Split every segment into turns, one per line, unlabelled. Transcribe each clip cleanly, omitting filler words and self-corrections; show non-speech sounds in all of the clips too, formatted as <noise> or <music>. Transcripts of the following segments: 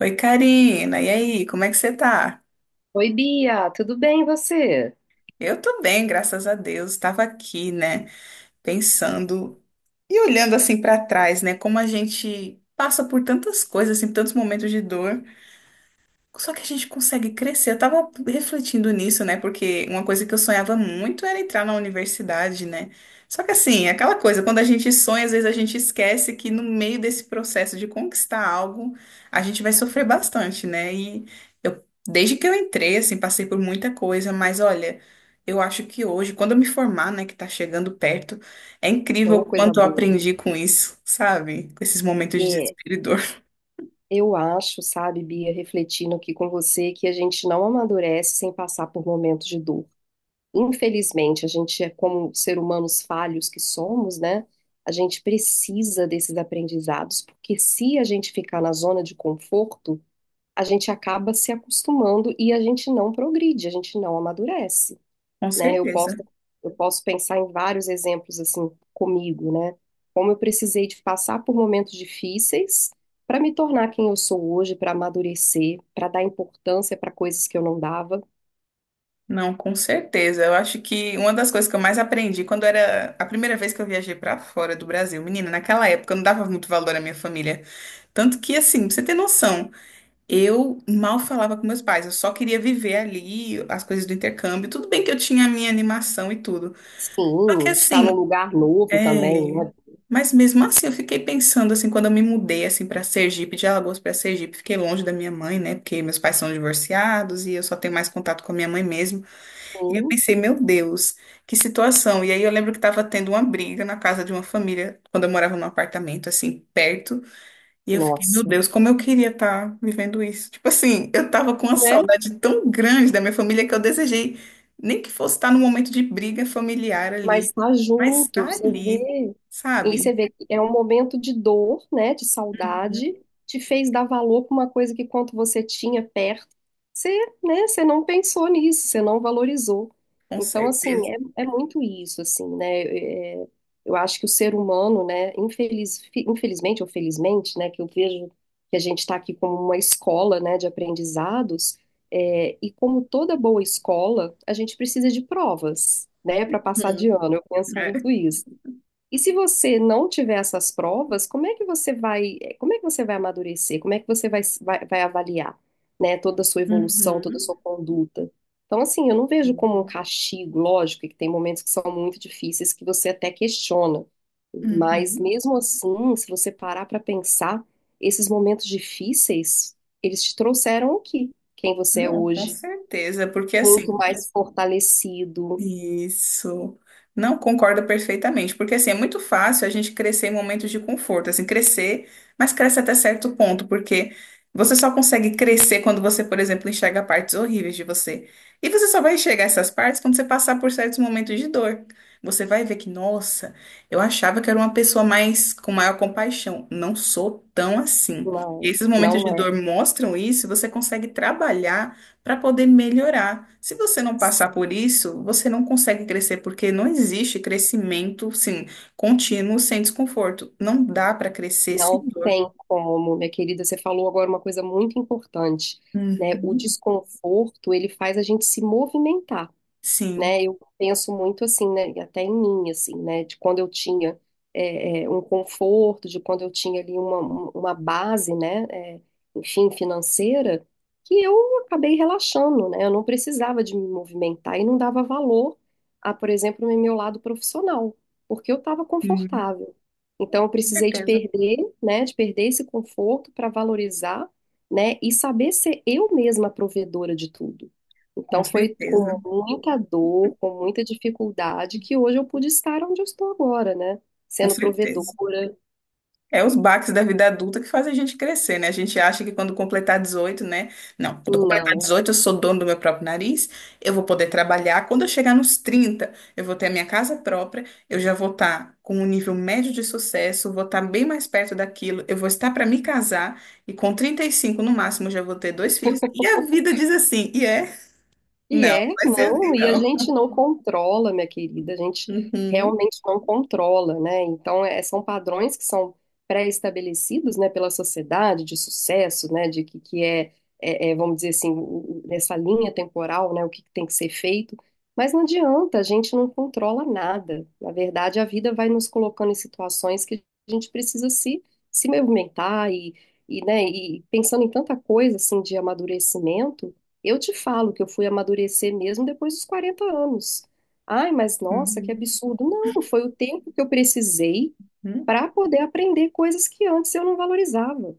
Oi, Karina. E aí, como é que você tá?
Oi, Bia, tudo bem e você?
Eu tô bem, graças a Deus. Estava aqui, né, pensando e olhando assim pra trás, né, como a gente passa por tantas coisas, assim, tantos momentos de dor. Só que a gente consegue crescer. Eu tava refletindo nisso, né? Porque uma coisa que eu sonhava muito era entrar na universidade, né? Só que assim, é aquela coisa, quando a gente sonha, às vezes a gente esquece que no meio desse processo de conquistar algo, a gente vai sofrer bastante, né? E eu, desde que eu entrei, assim, passei por muita coisa, mas olha, eu acho que hoje, quando eu me formar, né, que tá chegando perto, é incrível
Ou
o
coisa
quanto eu
boa.
aprendi com isso, sabe? Com esses momentos de
É,
desespero e dor. <laughs>
eu acho, sabe, Bia, refletindo aqui com você, que a gente não amadurece sem passar por momentos de dor. Infelizmente, a gente é como ser humanos falhos que somos, né? A gente precisa desses aprendizados, porque se a gente ficar na zona de conforto, a gente acaba se acostumando e a gente não progride, a gente não amadurece.
Com
Né? Eu
certeza.
posso, eu posso pensar em vários exemplos assim comigo, né? Como eu precisei de passar por momentos difíceis para me tornar quem eu sou hoje, para amadurecer, para dar importância para coisas que eu não dava.
Não, com certeza. Eu acho que uma das coisas que eu mais aprendi quando era a primeira vez que eu viajei pra fora do Brasil, menina, naquela época eu não dava muito valor à minha família. Tanto que, assim, pra você ter noção, eu mal falava com meus pais, eu só queria viver ali as coisas do intercâmbio. Tudo bem que eu tinha a minha animação e tudo. Só que,
Sim, estar num
assim,
lugar novo também,
é.
né?
Mas mesmo assim, eu fiquei pensando, assim, quando eu me mudei, assim, para Sergipe, de Alagoas pra Sergipe, fiquei longe da minha mãe, né? Porque meus pais são divorciados e eu só tenho mais contato com a minha mãe mesmo. E eu
Sim,
pensei, meu Deus, que situação. E aí eu lembro que estava tendo uma briga na casa de uma família, quando eu morava num apartamento, assim, perto. E eu fiquei, meu
nossa,
Deus, como eu queria estar vivendo isso. Tipo assim, eu tava com uma
né?
saudade tão grande da minha família que eu desejei, nem que fosse estar num momento de briga familiar ali,
Mas tá
mas
junto,
tá
você
ali,
vê, e você
sabe?
vê que é um momento de dor, né, de saudade, te fez dar valor para uma coisa que quando você tinha perto, você, né, você não pensou nisso, você não valorizou.
Com
Então, assim,
certeza.
é muito isso, assim, né, eu acho que o ser humano, né, infelizmente ou felizmente, né, que eu vejo que a gente está aqui como uma escola, né, de aprendizados, e como toda boa escola, a gente precisa de provas, né, para passar de
Hum,
ano. Eu penso
é.
muito isso. E se você não tiver essas provas, como é que você vai amadurecer? Como é que você vai, avaliar, né, toda a sua evolução, toda a
Uhum.
sua conduta? Então, assim, eu não vejo como um castigo, lógico, que tem momentos que são muito difíceis que você até questiona. Mas
Uhum.
mesmo assim, se você parar para pensar, esses momentos difíceis, eles te trouxeram aqui, quem você é
Não, com
hoje,
certeza, porque assim.
muito mais fortalecido.
Isso. Não concordo perfeitamente, porque assim, é muito fácil a gente crescer em momentos de conforto, assim, crescer, mas cresce até certo ponto, porque você só consegue crescer quando você, por exemplo, enxerga partes horríveis de você. E você só vai enxergar essas partes quando você passar por certos momentos de dor. Você vai ver que, nossa, eu achava que era uma pessoa mais com maior compaixão. Não sou tão assim. E
Não,
esses momentos de
não é.
dor mostram isso, e você consegue trabalhar para poder melhorar. Se você não passar
Assim.
por isso, você não consegue crescer, porque não existe crescimento, sim, contínuo sem desconforto. Não dá para crescer sem
Não
dor.
tem como, minha querida. Você falou agora uma coisa muito importante, né? O
Uhum.
desconforto, ele faz a gente se movimentar,
Sim,
né? Eu penso muito assim, né? E até em mim, assim, né? De quando eu tinha um conforto, de quando eu tinha ali uma base, né? Enfim, financeira, que eu acabei relaxando, né? Eu não precisava de me movimentar e não dava valor a, por exemplo, no meu lado profissional, porque eu estava
Sim.
confortável. Então, eu
Com
precisei de
certeza.
perder, né? De perder esse conforto para valorizar, né? E saber ser eu mesma a provedora de tudo. Então
Com
foi
certeza,
com muita dor, com muita dificuldade que hoje eu pude estar onde eu estou agora, né?
com
Sendo
certeza.
provedora.
É os baques da vida adulta que fazem a gente crescer, né? A gente acha que quando completar 18, né? Não, quando eu completar
Não.
18 eu sou dono do meu próprio nariz, eu vou poder trabalhar. Quando eu chegar nos 30, eu vou ter a minha casa própria, eu já vou estar com um nível médio de sucesso, vou estar bem mais perto daquilo, eu vou estar para me casar, e com 35 no máximo eu já vou ter dois filhos. E a vida diz assim, e é?
E
Não,
é,
vai ser
não,
assim
e a
não.
gente não controla, minha querida, a gente
Uhum.
realmente não controla, né? Então, são padrões que são pré-estabelecidos, né, pela sociedade de sucesso, né, de que é, vamos dizer assim, nessa linha temporal, né, o que que tem que ser feito, mas não adianta, a gente não controla nada. Na verdade, a vida vai nos colocando em situações que a gente precisa se movimentar e, né, e pensando em tanta coisa, assim, de amadurecimento, eu te falo que eu fui amadurecer mesmo depois dos 40 anos. Ai, mas nossa, que
Uhum.
absurdo. Não, foi o tempo que eu precisei
Uhum.
para poder aprender coisas que antes eu não valorizava.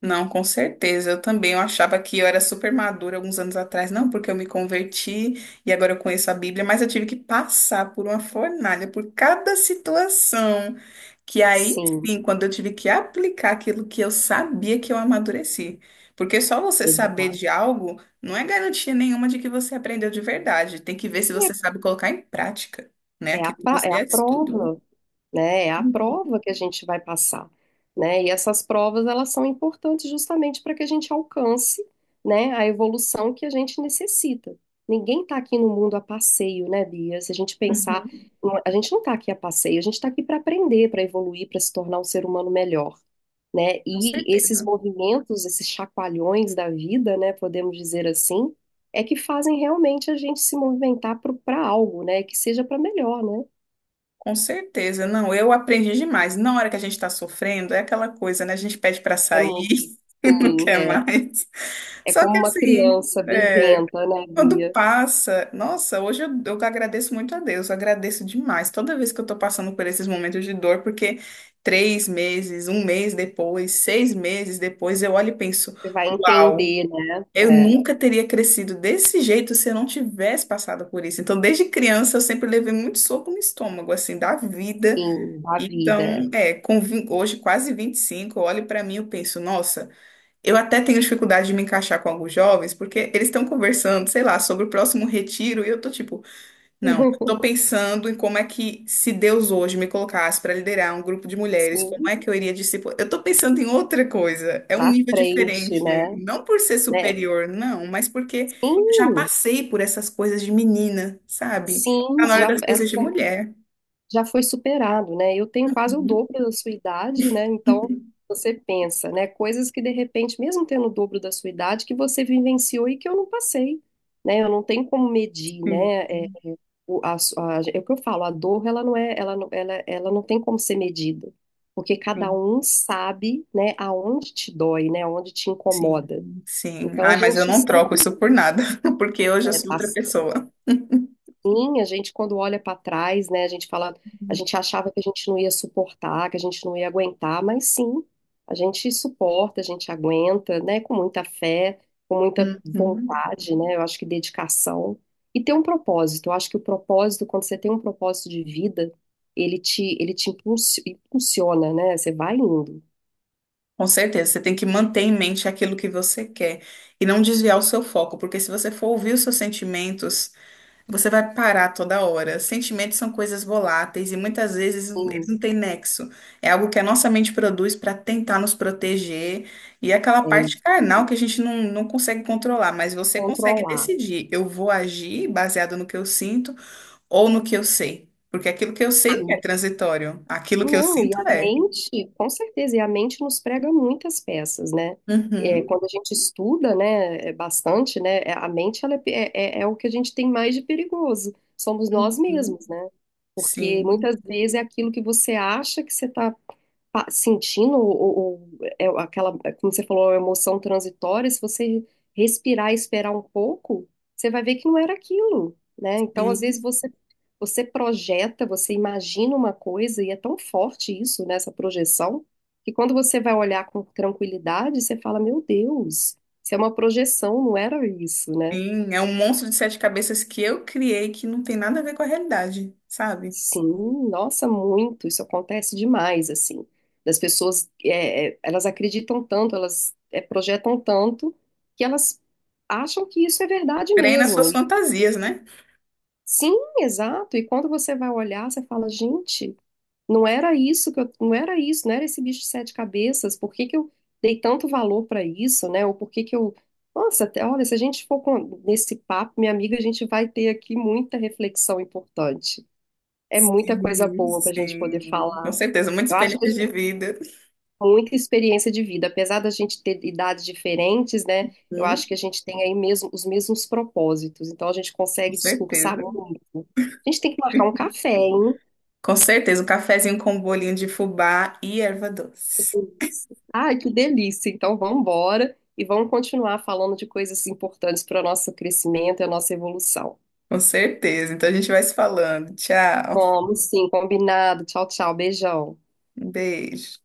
Não, com certeza. Eu também. Eu achava que eu era super madura alguns anos atrás. Não, porque eu me converti e agora eu conheço a Bíblia, mas eu tive que passar por uma fornalha, por cada situação. Que aí
Sim,
sim, quando eu tive que aplicar aquilo que eu sabia que eu amadureci. Porque só você saber
exato.
de algo não é garantia nenhuma de que você aprendeu de verdade. Tem que ver se você sabe colocar em prática, né?
É, é a,
Aquilo que
pa- é
você
a
estudou.
prova. Né? É a
Uhum.
prova que a gente vai passar, né? E essas provas, elas são importantes justamente para que a gente alcance, né, a evolução que a gente necessita. Ninguém está aqui no mundo a passeio, né, Bia? Se a gente pensar,
Uhum.
a gente não está aqui a passeio, a gente está aqui para aprender, para evoluir, para se tornar um ser humano melhor, né?
Com
E esses
certeza.
movimentos, esses chacoalhões da vida, né, podemos dizer assim, é que fazem realmente a gente se movimentar para algo, né? Que seja para melhor, né?
Com certeza, não, eu aprendi demais. Na hora que a gente está sofrendo, é aquela coisa, né? A gente pede para
É
sair,
muito,
<laughs> não
sim,
quer
é.
mais.
É
Só que
como uma
assim,
criança
é,
viventa, né,
quando
Bia?
passa, nossa, hoje eu agradeço muito a Deus, eu agradeço demais toda vez que eu estou passando por esses momentos de dor, porque três meses, um mês depois, seis meses depois, eu olho e penso,
Você vai
uau.
entender, né?
Eu
É,
nunca teria crescido desse jeito se eu não tivesse passado por isso. Então, desde criança, eu sempre levei muito soco no estômago, assim, da vida.
sim, da vida. É.
Então, é, hoje quase 25, eu olho pra mim e penso, nossa, eu até tenho dificuldade de me encaixar com alguns jovens, porque eles estão conversando, sei lá, sobre o próximo retiro, e eu tô tipo, não, eu tô
<laughs>
pensando em como é que, se Deus hoje me colocasse para liderar um grupo de mulheres, como
Sim,
é que eu iria discipular? Eu estou pensando em outra coisa, é um
pra
nível
frente,
diferente,
né?
não por ser
Né?
superior, não, mas porque eu já
Sim,
passei por essas coisas de menina, sabe? Tá
sim,
na hora
já
das
essa.
coisas de mulher.
Já foi superado, né? Eu tenho quase o
Uhum.
dobro da sua idade, né? Então, você pensa, né? Coisas que de repente, mesmo tendo o dobro da sua idade, que você vivenciou e que eu não passei, né? Eu não tenho como medir,
Sim,
né? É, o, a, su- a- é o que eu falo, a dor, ela não é, ela não, ela não tem como ser medida, porque cada
sim,
um sabe, né? Aonde te dói, né? Aonde te
sim.
incomoda.
sim.
Então, a
Ai, mas eu
gente
não troco
sempre,
isso por nada, <laughs> porque hoje eu
né,
sou
tá.
outra pessoa.
Sim, a gente quando olha para trás, né, a gente fala, a gente achava que a gente não ia suportar, que a gente não ia aguentar, mas sim, a gente suporta, a gente aguenta, né, com muita fé, com muita
Uhum.
vontade, né, eu acho que dedicação e ter um propósito. Eu acho que o propósito, quando você tem um propósito de vida, ele te impulsiona, né, você vai indo.
Com certeza, você tem que manter em mente aquilo que você quer e não desviar o seu foco, porque se você for ouvir os seus sentimentos, você vai parar toda hora. Sentimentos são coisas voláteis e muitas vezes eles não
Sim,
têm nexo. É algo que a nossa mente produz para tentar nos proteger e é aquela
é
parte
isso,
carnal que a gente não consegue controlar, mas você consegue
controlar.
decidir: eu vou agir baseado no que eu sinto ou no que eu sei, porque aquilo que eu sei não é transitório, aquilo que eu
Não, e a
sinto é.
mente, com certeza, e a mente nos prega muitas peças, né? É,
Uhum,
quando a gente estuda, né, é bastante, né, a mente, ela é é o que a gente tem mais de perigoso, somos nós
uhum,
mesmos, né? Porque muitas
sim.
vezes é aquilo que você acha que você está sentindo é aquela, como você falou, a emoção transitória, se você respirar e esperar um pouco, você vai ver que não era aquilo, né? Então, às vezes,
Sim,
você projeta, você imagina uma coisa, e é tão forte isso, né, essa projeção, que quando você vai olhar com tranquilidade, você fala, meu Deus, isso é uma projeção, não era isso, né?
sim, é um monstro de sete cabeças que eu criei que não tem nada a ver com a realidade, sabe?
Sim, nossa, muito, isso acontece demais, assim, das pessoas, elas acreditam tanto, elas projetam tanto, que elas acham que isso é verdade
Creio nas
mesmo,
suas
e
fantasias, né?
sim, exato, e quando você vai olhar, você fala, gente, não era isso que eu, não era isso, não era esse bicho de sete cabeças, por que que eu dei tanto valor para isso, né, ou por que que eu, nossa, olha, se a gente for nesse papo, minha amiga, a gente vai ter aqui muita reflexão importante. É muita coisa
Sim,
boa para a gente poder
sim, com
falar.
certeza, muita
Eu acho que a
experiência
gente
de
tem
vida.
muita experiência de vida, apesar da gente ter idades diferentes, né? Eu
Hum,
acho que a gente tem aí mesmo os mesmos propósitos, então a gente
com
consegue discursar
certeza.
muito. A gente tem que marcar um café, hein?
Com certeza, um cafezinho com um bolinho de fubá e erva doce.
Ai, que delícia! Então vamos embora e vamos continuar falando de coisas importantes para o nosso crescimento e a nossa evolução.
Com certeza. Então a gente vai se falando. Tchau.
Vamos sim, combinado. Tchau, tchau, beijão.
Um beijo.